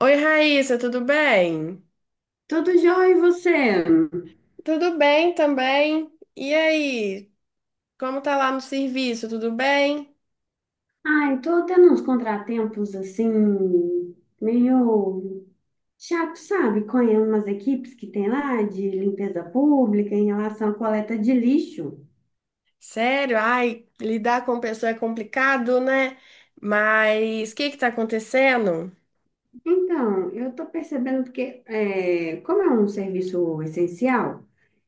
Oi, Raíssa, tudo bem? Tudo jóia, e você? Tudo bem também. E aí, como tá lá no serviço? Tudo bem? Ai, tô tendo uns contratempos assim, meio chato, sabe? Com umas equipes que tem lá de limpeza pública em relação à coleta de lixo. Sério? Ai, lidar com pessoa é complicado, né? Mas o que que tá acontecendo? Então, eu tô percebendo que, como é um serviço essencial,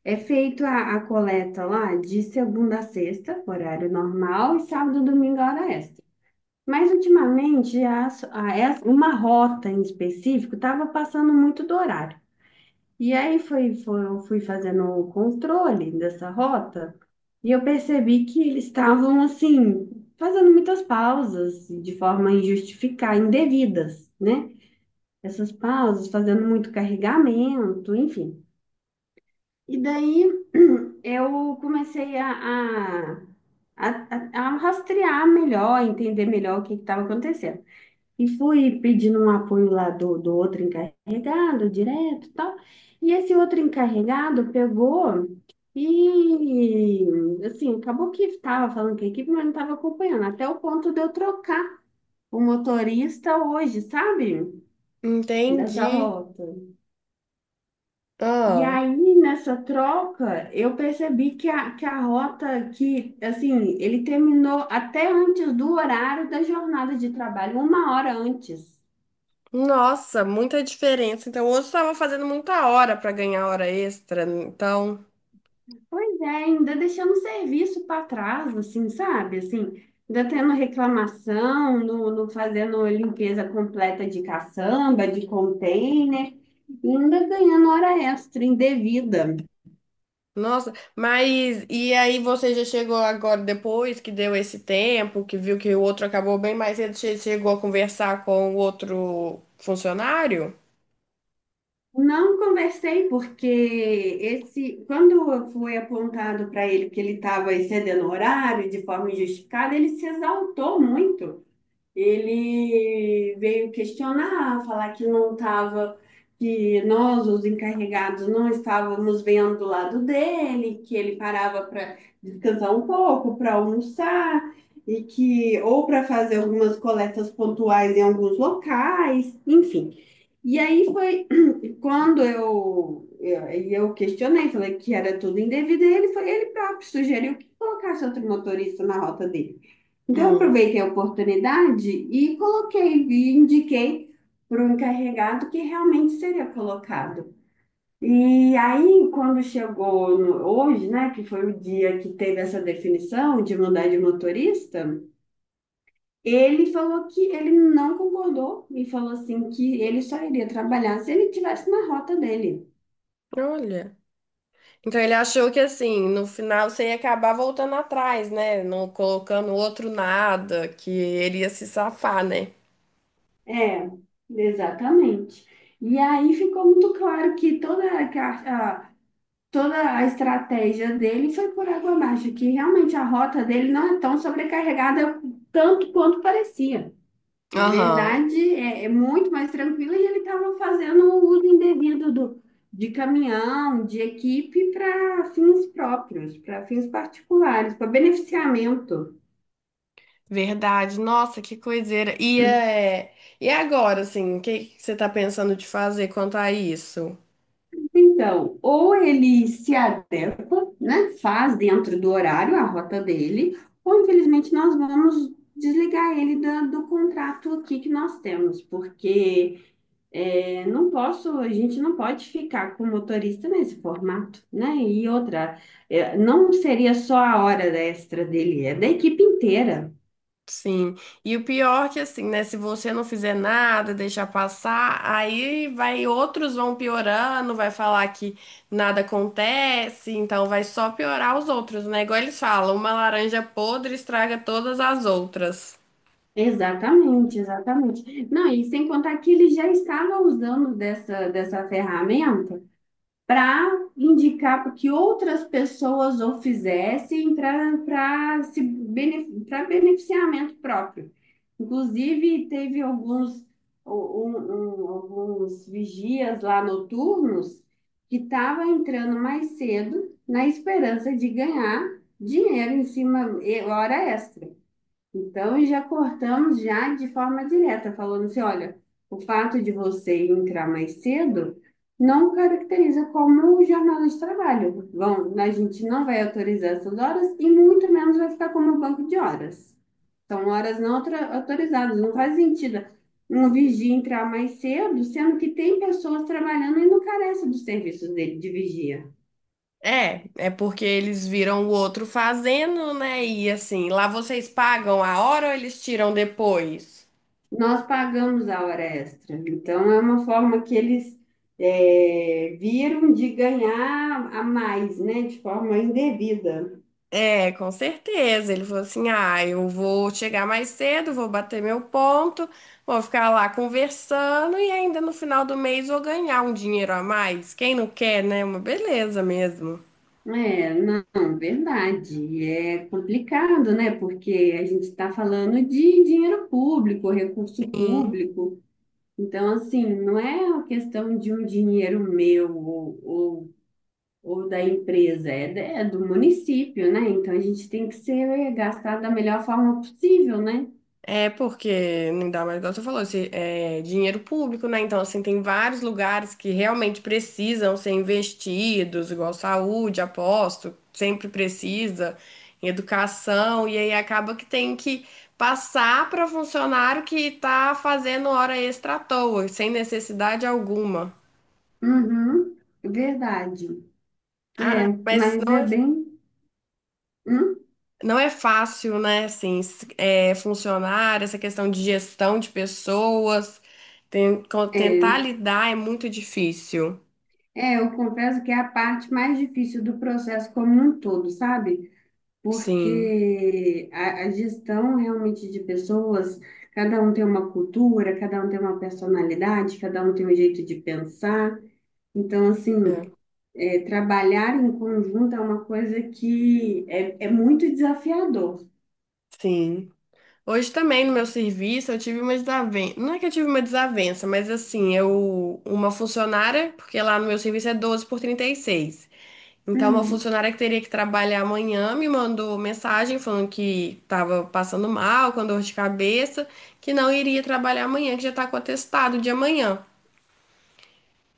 é feito a coleta lá de segunda a sexta, horário normal, e sábado e domingo, hora extra. Mas ultimamente, uma rota em específico estava passando muito do horário. E aí fui fazendo o controle dessa rota e eu percebi que eles estavam, assim, fazendo muitas pausas de forma injustificada, indevidas, né? Essas pausas, fazendo muito carregamento, enfim. E daí eu comecei a, a rastrear melhor, entender melhor o que estava acontecendo. E fui pedindo um apoio lá do outro encarregado, direto e tal. E esse outro encarregado pegou e, assim, acabou que estava falando com a equipe, mas não estava acompanhando. Até o ponto de eu trocar o motorista hoje, sabe? Dessa Entendi. rota. E Ah, aí, nessa troca, eu percebi que a rota, que, assim, ele terminou até antes do horário da jornada de trabalho, uma hora antes. nossa, muita diferença. Então, hoje eu estava fazendo muita hora para ganhar hora extra, então. Pois é, ainda deixando o serviço para trás, assim, sabe? Assim, ainda tendo reclamação, no fazendo limpeza completa de caçamba, de container, e ainda ganhando hora extra indevida. Nossa, mas e aí você já chegou agora, depois que deu esse tempo, que viu que o outro acabou bem mais cedo, você chegou a conversar com o outro funcionário? Não conversei porque esse, quando foi apontado para ele que ele estava excedendo o horário de forma injustificada, ele se exaltou muito. Ele veio questionar, falar que não estava, que nós, os encarregados, não estávamos vendo o lado dele, que ele parava para descansar um pouco, para almoçar, e que, ou para fazer algumas coletas pontuais em alguns locais, enfim. E aí foi quando eu questionei, falei que era tudo indevido, e ele próprio sugeriu que colocasse outro motorista na rota dele. Então, eu Hum, aproveitei a oportunidade e coloquei, vi, indiquei para o encarregado que realmente seria colocado. E aí, quando chegou hoje, né, que foi o dia que teve essa definição de mudar de motorista, ele falou que ele não concordou e falou assim que ele só iria trabalhar se ele tivesse na rota dele. olha. Então ele achou que assim, no final você ia acabar voltando atrás, né? Não colocando outro nada, que ele ia se safar, né? É, exatamente. E aí ficou muito claro que toda a estratégia dele foi por água abaixo, que realmente a rota dele não é tão sobrecarregada tanto quanto parecia. Na Aham. verdade, é muito mais tranquila e ele estava fazendo o uso indevido de caminhão, de equipe para fins próprios, para fins particulares, para beneficiamento. Verdade. Nossa, que coiseira. E agora, assim, o que que você tá pensando de fazer quanto a isso? Então, ou ele se adequa, né, faz dentro do horário a rota dele, ou infelizmente nós vamos desligar ele do contrato aqui que nós temos, porque não posso, a gente não pode ficar com o motorista nesse formato, né? E outra, não seria só a hora extra dele, é da equipe inteira. Sim. E o pior que assim, né? Se você não fizer nada, deixar passar, aí vai outros vão piorando, vai falar que nada acontece, então vai só piorar os outros, né? Igual eles falam, uma laranja podre estraga todas as outras. Exatamente, exatamente. Não, e sem contar que ele já estava usando dessa ferramenta. Para indicar para que outras pessoas o fizessem para se beneficiamento próprio. Inclusive, teve alguns, alguns vigias lá noturnos que estavam entrando mais cedo na esperança de ganhar dinheiro em cima, hora extra. Então, e já cortamos já de forma direta, falando assim, olha, o fato de você entrar mais cedo não caracteriza como jornada de trabalho. Bom, a gente não vai autorizar essas horas e muito menos vai ficar como um banco de horas. São horas não autorizadas, não faz sentido um vigia entrar mais cedo, sendo que tem pessoas trabalhando e não carece dos serviços dele de vigia. É, é porque eles viram o outro fazendo, né? E assim, lá vocês pagam a hora ou eles tiram depois? Nós pagamos a hora extra. Então, é uma forma que eles viram de ganhar a mais, né? De forma indevida. É, com certeza. Ele falou assim: ah, eu vou chegar mais cedo, vou bater meu ponto, vou ficar lá conversando e ainda no final do mês vou ganhar um dinheiro a mais. Quem não quer, né? Uma beleza mesmo. É, não, verdade. É complicado, né? Porque a gente está falando de dinheiro público, recurso público. Então, assim, não é uma questão de um dinheiro meu ou da empresa, é do município, né? Então, a gente tem que ser gastado da melhor forma possível, né? É porque, não dá mais, igual você falou, é dinheiro público, né? Então, assim, tem vários lugares que realmente precisam ser investidos, igual saúde, aposto, sempre precisa, em educação, e aí acaba que tem que passar para funcionário que tá fazendo hora extra à toa, sem necessidade alguma. Uhum, verdade. Ah, É, mas mas é bem. Hum? não é fácil, né, assim, funcionar, essa questão de gestão de pessoas, tentar É, lidar é muito difícil. é, eu confesso que é a parte mais difícil do processo como um todo, sabe? Sim, Porque a gestão realmente de pessoas, cada um tem uma cultura, cada um tem uma personalidade, cada um tem um jeito de pensar. Então, assim, é, trabalhar em conjunto é uma coisa que é muito desafiador. sim. Hoje também no meu serviço eu tive uma desavença, não é que eu tive uma desavença, mas assim, eu, uma funcionária, porque lá no meu serviço é 12 por 36. Então, uma Hum. funcionária que teria que trabalhar amanhã me mandou mensagem falando que estava passando mal, com dor de cabeça, que não iria trabalhar amanhã, que já está com o atestado de amanhã.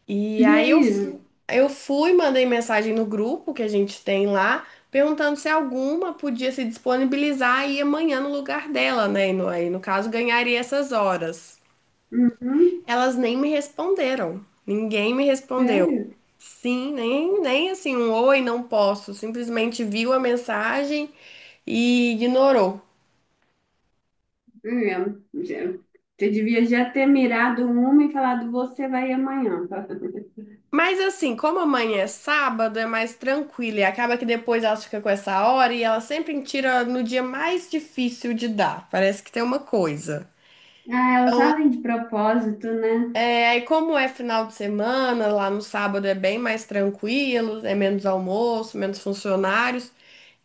E E aí eu, aí? fu- eu fui, mandei mensagem no grupo que a gente tem lá, perguntando se alguma podia se disponibilizar e ir amanhã no lugar dela, né? E no, aí, no caso, ganharia essas horas. Uhum. Elas nem me responderam. Ninguém me respondeu. Sério? Sim, nem, nem assim um oi, não posso. Simplesmente viu a mensagem e ignorou. É, já- você devia já ter mirado uma e falado, você vai amanhã. Mas assim, como amanhã é sábado, é mais tranquilo e acaba que depois ela fica com essa hora e ela sempre tira no dia mais difícil de dar. Parece que tem uma coisa. Ah, elas Então, fazem de propósito, né? é, aí como é final de semana, lá no sábado é bem mais tranquilo, é menos almoço, menos funcionários.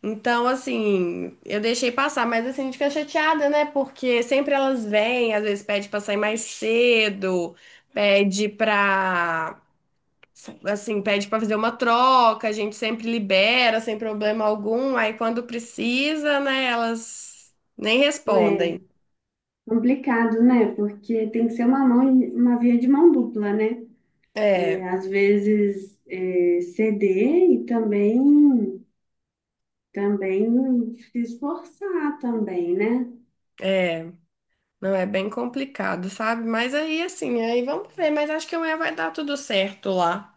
Então, assim, eu deixei passar, mas assim, a gente fica chateada, né? Porque sempre elas vêm, às vezes pede pra sair mais cedo, pede pra, assim, pede pra fazer uma troca, a gente sempre libera sem problema algum, aí quando precisa, né, elas nem É respondem. complicado, né? Porque tem que ser uma mão, uma via de mão dupla, né? É, É, às vezes ceder e também se esforçar também, né? é, não é bem complicado, sabe? Mas aí, assim, aí vamos ver, mas acho que amanhã vai dar tudo certo lá.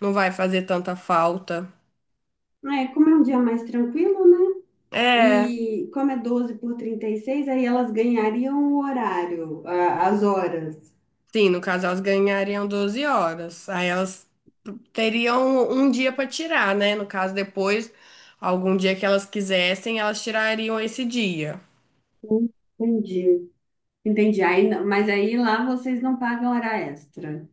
Não vai fazer tanta falta. É, como é um dia mais tranquilo, né? É. E como é 12x36 aí elas ganhariam o horário, as horas. Sim, no caso elas ganhariam 12 horas. Aí elas teriam um dia para tirar, né? No caso, depois, algum dia que elas quisessem, elas tirariam esse dia. Entendi, entendi. Aí, mas aí lá vocês não pagam hora extra.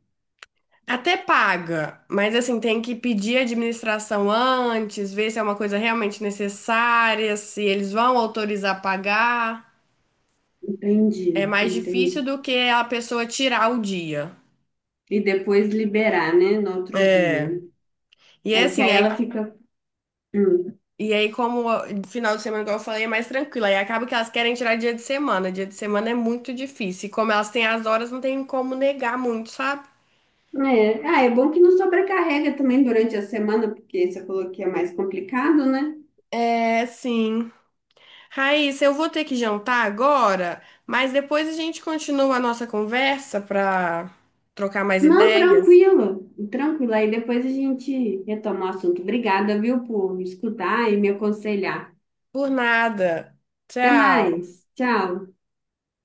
Até paga, mas assim, tem que pedir a administração antes, ver se é uma coisa realmente necessária, se eles vão autorizar pagar. É Entendi, mais difícil entendi. do que a pessoa tirar o dia. E depois liberar, né, no outro dia. É. E é É, porque assim, aí aí ela fica. Hum. E aí, como o final de semana, igual eu falei, é mais tranquilo. Aí acaba que elas querem tirar dia de semana. Dia de semana é muito difícil. E como elas têm as horas, não tem como negar muito, sabe? É. Ah, é bom que não sobrecarrega também durante a semana, porque você falou que é mais complicado, né? É, sim. Raíssa, eu vou ter que jantar agora, mas depois a gente continua a nossa conversa para trocar mais Não, ideias. tranquilo, tranquilo. Aí depois a gente retoma o assunto. Obrigada, viu, por escutar e me aconselhar. Por nada. Até Tchau. mais. Tchau.